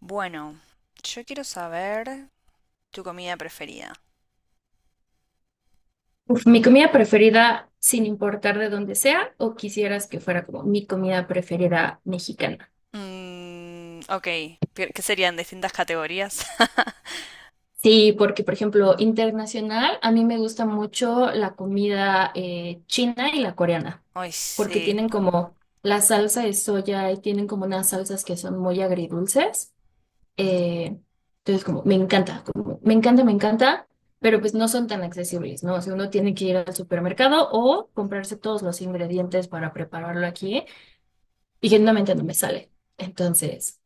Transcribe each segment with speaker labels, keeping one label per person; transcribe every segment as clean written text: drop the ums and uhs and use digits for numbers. Speaker 1: Bueno, yo quiero saber tu comida preferida.
Speaker 2: Mi comida preferida, sin importar de dónde sea, o quisieras que fuera como mi comida preferida mexicana.
Speaker 1: Mm, ok, ¿qué serían distintas categorías?
Speaker 2: Sí, porque por ejemplo, internacional, a mí me gusta mucho la comida china y la coreana,
Speaker 1: Ay,
Speaker 2: porque
Speaker 1: sí.
Speaker 2: tienen como la salsa de soya y tienen como unas salsas que son muy agridulces. Eh, entonces, como, me encanta, pero pues no son tan accesibles, ¿no? O sea, uno tiene que ir al supermercado o comprarse todos los ingredientes para prepararlo aquí. Y genuinamente no me sale. Entonces,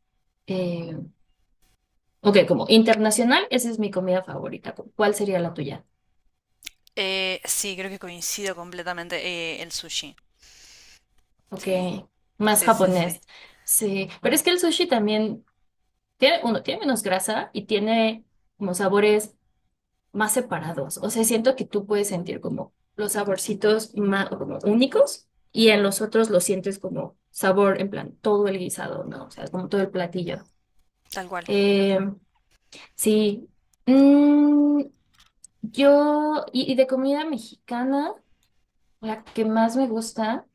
Speaker 2: eh, ok, como internacional, esa es mi comida favorita. ¿Cuál sería la tuya?
Speaker 1: Sí, creo que coincido completamente. El sushi.
Speaker 2: Ok,
Speaker 1: Sí,
Speaker 2: más
Speaker 1: sí, sí, sí.
Speaker 2: japonés. Sí, pero es que el sushi también tiene, uno, tiene menos grasa y tiene como sabores más separados. O sea, siento que tú puedes sentir como los saborcitos más como únicos y en los otros lo sientes como sabor, en plan, todo el guisado, ¿no? O sea, como todo el platillo.
Speaker 1: Tal cual.
Speaker 2: Em, Sí. Mm, yo, y de comida mexicana, la que más me gusta.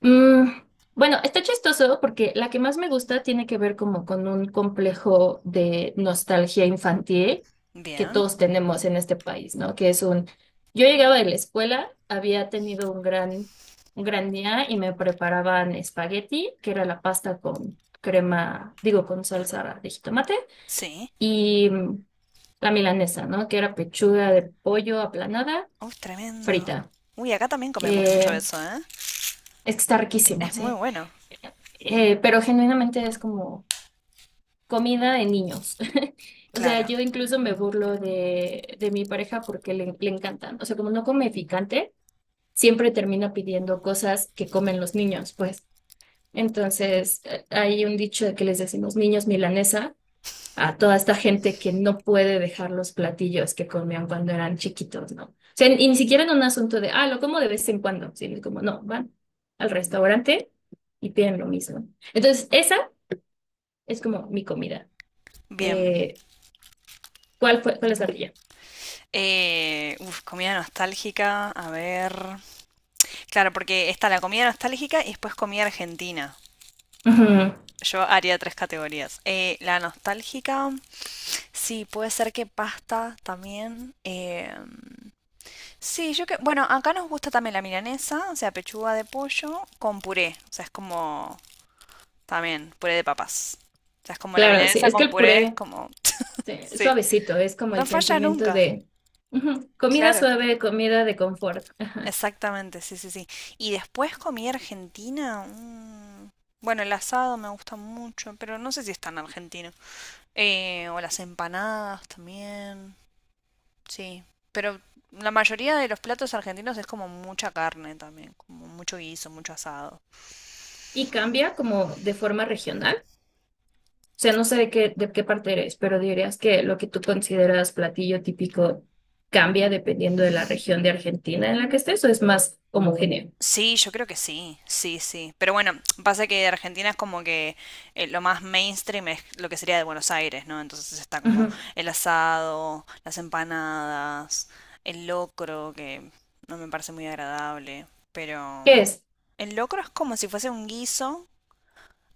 Speaker 2: mm, bueno, está chistoso porque la que más me gusta tiene que ver como con un complejo de nostalgia infantil que
Speaker 1: Bien.
Speaker 2: todos tenemos en este país, ¿no? Que es un, yo llegaba de la escuela, había tenido un un gran día y me preparaban espagueti, que era la pasta con crema, digo, con salsa de jitomate
Speaker 1: Sí.
Speaker 2: y la milanesa, ¿no? Que era pechuga de pollo aplanada,
Speaker 1: Uy, tremendo.
Speaker 2: frita.
Speaker 1: Uy, acá también comemos mucho
Speaker 2: Eh,
Speaker 1: eso, ¿eh?
Speaker 2: es que está riquísimo,
Speaker 1: Es muy
Speaker 2: sí.
Speaker 1: bueno.
Speaker 2: Pero genuinamente es como comida de niños. O sea,
Speaker 1: Claro.
Speaker 2: yo incluso me burlo de mi pareja porque le encantan. O sea, como no come picante, siempre termina pidiendo cosas que comen los niños, pues. Entonces, hay un dicho de que les decimos niños milanesa a toda esta gente que no puede dejar los platillos que comían cuando eran chiquitos, ¿no? O sea, y ni siquiera en un asunto de, ah, lo como de vez en cuando, sino como, no, van al restaurante y piden lo mismo. Entonces, esa es como mi comida.
Speaker 1: Bien.
Speaker 2: Eh, cuál es la tuya?
Speaker 1: Comida nostálgica. A ver. Claro, porque está la comida nostálgica y después comida argentina.
Speaker 2: Ujú.
Speaker 1: Yo haría tres categorías. La nostálgica, sí, puede ser que pasta también. Sí, yo que... Bueno, acá nos gusta también la milanesa, o sea, pechuga de pollo con puré. O sea, es como también puré de papas. O sea, es como la
Speaker 2: Claro, sí,
Speaker 1: milanesa
Speaker 2: es que
Speaker 1: con
Speaker 2: el
Speaker 1: puré, es
Speaker 2: puré
Speaker 1: como...
Speaker 2: sí,
Speaker 1: Sí,
Speaker 2: suavecito, es como
Speaker 1: no
Speaker 2: el
Speaker 1: falla
Speaker 2: sentimiento
Speaker 1: nunca.
Speaker 2: de ujú, comida
Speaker 1: Claro,
Speaker 2: suave, comida de confort.
Speaker 1: exactamente, sí, sí, sí. Y después comí argentina. Bueno, el asado me gusta mucho, pero no sé si es tan argentino. O las empanadas también. Sí. Pero la mayoría de los platos argentinos es como mucha carne también, como mucho guiso, mucho asado.
Speaker 2: Y cambia como de forma regional. O sea, no sé de de qué parte eres, pero dirías que lo que tú consideras platillo típico cambia dependiendo de la región de Argentina en la que estés o es más homogéneo.
Speaker 1: Sí, yo creo que sí, sí, sí. Pero bueno, pasa que Argentina es como que lo más mainstream es lo que sería de Buenos Aires, ¿no? Entonces está como
Speaker 2: Ujú.
Speaker 1: el asado, las empanadas, el locro, que no me parece muy agradable, pero
Speaker 2: ¿Qué es?
Speaker 1: el locro es como si fuese un guiso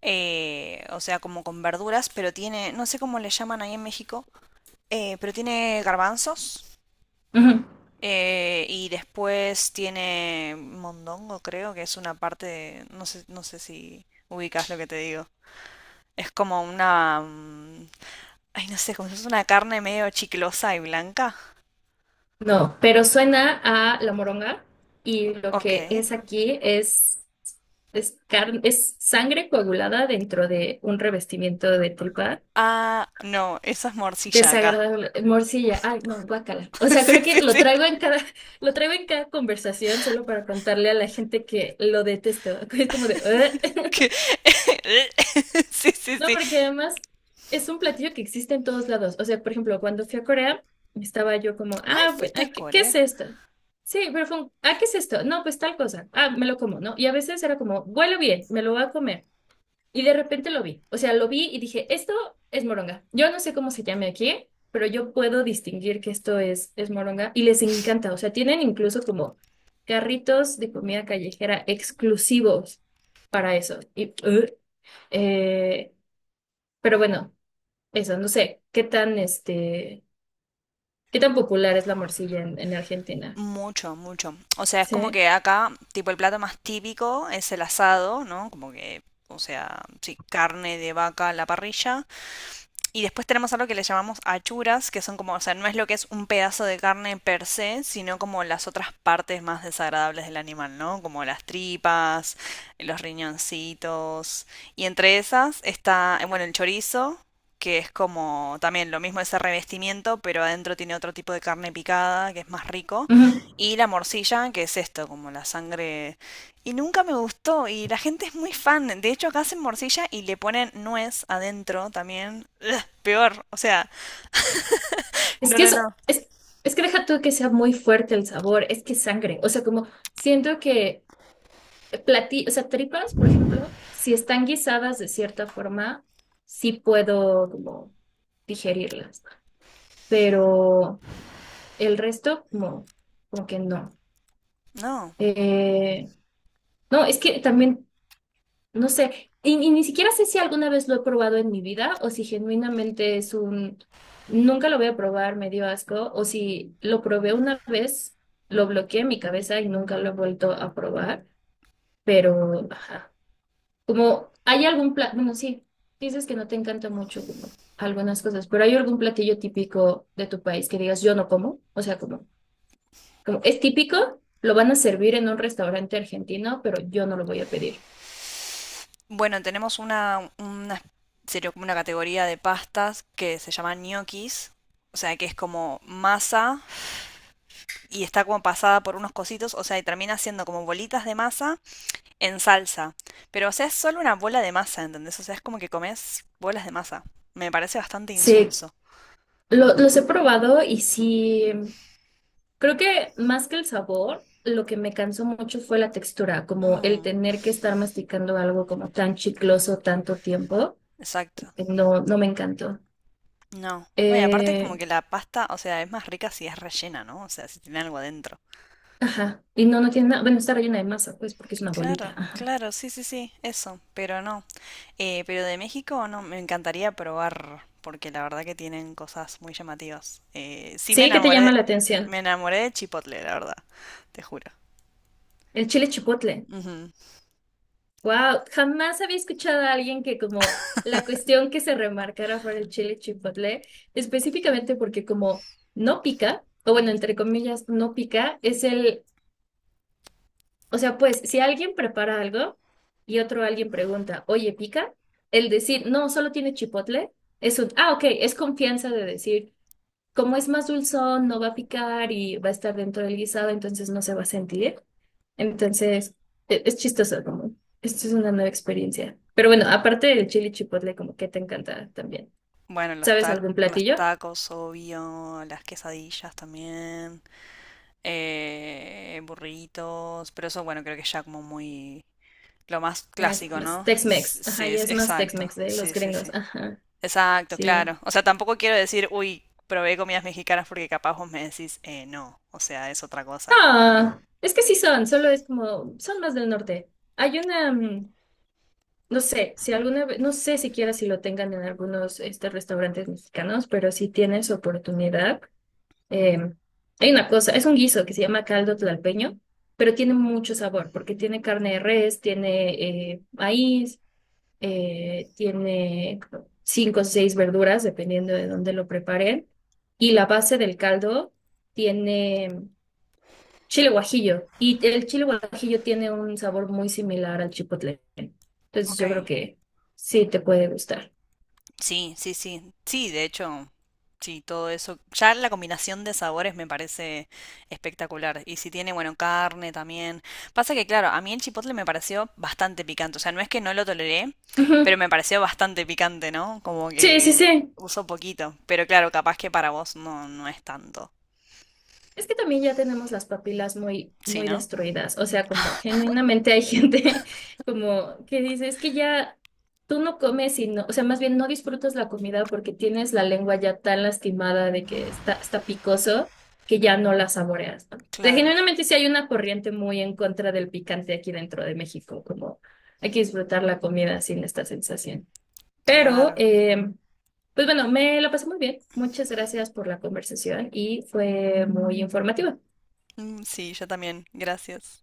Speaker 1: o sea, como con verduras, pero tiene, no sé cómo le llaman ahí en México, pero tiene garbanzos
Speaker 2: Ujú.
Speaker 1: y después tiene mondongo, creo que es una parte, de- no sé, no sé si ubicas lo que te digo. Es como una, mm, ay, no sé, como si es una carne medio chiclosa y blanca.
Speaker 2: No, pero suena a la moronga y lo
Speaker 1: Ok.
Speaker 2: que es aquí es, carne, es sangre coagulada dentro de un revestimiento de tripa.
Speaker 1: Ah, no, esa es morcilla acá.
Speaker 2: Desagradable, morcilla, ay, no, guácala. O sea,
Speaker 1: Sí,
Speaker 2: creo que
Speaker 1: sí,
Speaker 2: lo
Speaker 1: sí.
Speaker 2: traigo en lo traigo en cada conversación solo para contarle a la gente que lo detesto. Es como de, "Ugh".
Speaker 1: que- Sí, sí,
Speaker 2: No,
Speaker 1: sí.
Speaker 2: porque además es un platillo que existe en todos lados. O sea, por ejemplo, cuando fui a Corea, estaba yo como,
Speaker 1: Ay,
Speaker 2: ah, bueno,
Speaker 1: fuiste a
Speaker 2: ah, qué es
Speaker 1: Corea.
Speaker 2: esto? Sí, pero fue un, ah, ¿qué es esto? No, pues tal cosa. Ah, me lo como, ¿no? Y a veces era como, huele bien, me lo voy a comer. Y de repente lo vi. O sea, lo vi y dije, esto es moronga. Yo no sé cómo se llame aquí, pero yo puedo distinguir que esto es moronga y les encanta. O sea, tienen incluso como carritos de comida callejera exclusivos para eso. Eh, pero bueno, eso, no sé, qué tan, este, qué tan popular es la morcilla en Argentina.
Speaker 1: Mucho, mucho. O sea, es como
Speaker 2: Sí.
Speaker 1: que acá, tipo, el plato más típico es el asado, ¿no? Como que, o sea, sí, carne de vaca a la parrilla. Y después tenemos algo que le llamamos achuras, que son como, o sea, no es lo que es un pedazo de carne per se, sino como las otras partes más desagradables del animal, ¿no? Como las tripas, los riñoncitos. Y entre esas está, bueno, el chorizo, que es como también lo mismo ese revestimiento, pero adentro tiene otro tipo de carne picada, que es más rico.
Speaker 2: Ujú.
Speaker 1: Y la morcilla, que es esto, como la sangre y nunca me gustó, y la gente es muy fan. De hecho, acá hacen morcilla y le ponen nuez adentro también. Ugh, peor, o sea,
Speaker 2: Es
Speaker 1: no,
Speaker 2: que
Speaker 1: no,
Speaker 2: eso,
Speaker 1: no.
Speaker 2: es, es que deja tú que sea muy fuerte el sabor, es que es sangre. O sea, como siento que platí, o sea, tripas, por ejemplo, si están guisadas de cierta forma, sí puedo como digerirlas, pero el resto como, como que no.
Speaker 1: No.
Speaker 2: Eh, no, es que también, no sé, y ni siquiera sé si alguna vez lo he probado en mi vida o si genuinamente es un, nunca lo voy a probar, me dio asco, o si lo probé una vez, lo bloqueé en mi cabeza y nunca lo he vuelto a probar, pero... ajá. Como, ¿hay algún plato? Bueno, sí, dices que no te encanta mucho como algunas cosas, pero ¿hay algún platillo típico de tu país que digas yo no como? O sea, como, como es típico, lo van a servir en un restaurante argentino, pero yo no lo voy a pedir.
Speaker 1: Bueno, tenemos una sería como una categoría de pastas que se llama ñoquis. O sea, que es como masa y está como pasada por unos cositos. O sea, y termina siendo como bolitas de masa en salsa. Pero, o sea, es solo una bola de masa, ¿entendés? O sea, es como que comes bolas de masa. Me parece bastante
Speaker 2: Sí,
Speaker 1: insulso.
Speaker 2: los he probado y sí, creo que más que el sabor, lo que me cansó mucho fue la textura, como el
Speaker 1: Mm.
Speaker 2: tener que estar masticando algo como tan chicloso tanto tiempo,
Speaker 1: Exacto.
Speaker 2: no, no me encantó.
Speaker 1: No. No, y aparte es como
Speaker 2: Eh,
Speaker 1: que la pasta, o sea, es más rica si es rellena, ¿no? O sea, si tiene algo adentro.
Speaker 2: Ajá. Y no, no tiene nada. Bueno, está rellena de masa, pues, porque es una
Speaker 1: Claro,
Speaker 2: bolita. Ajá.
Speaker 1: claro, sí, sí, sí, eso, pero no. Pero de México, no, me encantaría probar, porque la verdad que tienen cosas muy llamativas. Sí
Speaker 2: Sí, ¿qué te llama la atención?
Speaker 1: me enamoré de Chipotle, la verdad, te juro.
Speaker 2: El chile chipotle.
Speaker 1: Ujú.
Speaker 2: Wow, jamás había escuchado a alguien que como la cuestión que se remarcara fuera el chile chipotle, específicamente porque como no pica, o bueno, entre comillas, no pica, es el, o sea, pues, si alguien prepara algo y otro alguien pregunta, oye, ¿pica? El decir, no, solo tiene chipotle, es un, ah, ok, es confianza de decir. Como es más dulzón, no va a picar y va a estar dentro del guisado, entonces no se va a sentir. Entonces, es chistoso, como, esto es una nueva experiencia. Pero bueno, aparte del chili chipotle, como que te encanta también.
Speaker 1: Bueno, los
Speaker 2: ¿Sabes
Speaker 1: ta-
Speaker 2: algún
Speaker 1: los
Speaker 2: platillo?
Speaker 1: tacos, obvio, las quesadillas también, burritos, pero eso, bueno, creo que ya como muy... Lo más
Speaker 2: Ah, es
Speaker 1: clásico,
Speaker 2: más
Speaker 1: ¿no? S-
Speaker 2: Tex-Mex.
Speaker 1: Sí,
Speaker 2: Ajá, ya
Speaker 1: es-
Speaker 2: es más
Speaker 1: exacto.
Speaker 2: Tex-Mex de los
Speaker 1: Sí, sí,
Speaker 2: gringos.
Speaker 1: sí.
Speaker 2: Ajá,
Speaker 1: Exacto,
Speaker 2: sí.
Speaker 1: claro. O sea, tampoco quiero decir, uy, probé comidas mexicanas porque capaz vos me decís, no. O sea, es otra cosa.
Speaker 2: Ah, es que sí son, solo es como, son más del norte. Hay una, mm, no sé, si alguna vez, no sé siquiera si lo tengan en algunos este, restaurantes mexicanos, pero si tienes oportunidad. Eh, hay una cosa, es un guiso que se llama caldo tlalpeño, pero tiene mucho sabor porque tiene carne de res, tiene maíz, tiene cinco o seis verduras, dependiendo de dónde lo preparen. Y la base del caldo tiene chile guajillo. Y el chile guajillo tiene un sabor muy similar al chipotle. Entonces
Speaker 1: Ok.
Speaker 2: yo creo que sí te puede gustar.
Speaker 1: Sí, sí, sí. Sí, de hecho, sí, todo eso. Ya la combinación de sabores me parece espectacular. Y si tiene, bueno, carne también. Pasa que, claro, a mí el chipotle me pareció bastante picante. O sea, no es que no lo toleré,
Speaker 2: Ujú.
Speaker 1: pero me pareció bastante picante, ¿no? Como
Speaker 2: Sí, sí,
Speaker 1: que
Speaker 2: sí.
Speaker 1: uso poquito. Pero claro, capaz que para vos no, no es tanto.
Speaker 2: Es que también ya tenemos las papilas muy,
Speaker 1: ¿Sí,
Speaker 2: muy
Speaker 1: no?
Speaker 2: destruidas. O sea, como genuinamente hay gente como que dice, es que ya tú no comes y no, o sea, más bien no disfrutas la comida porque tienes la lengua ya tan lastimada de que está, está picoso que ya no la saboreas, ¿no? O sea,
Speaker 1: Claro,
Speaker 2: genuinamente sí hay una corriente muy en contra del picante aquí dentro de México, como hay que disfrutar la comida sin esta sensación. Pero,
Speaker 1: claro.
Speaker 2: pues bueno, me lo pasé muy bien. Muchas gracias por la conversación y fue muy informativa.
Speaker 1: Mm, sí, yo también. Gracias.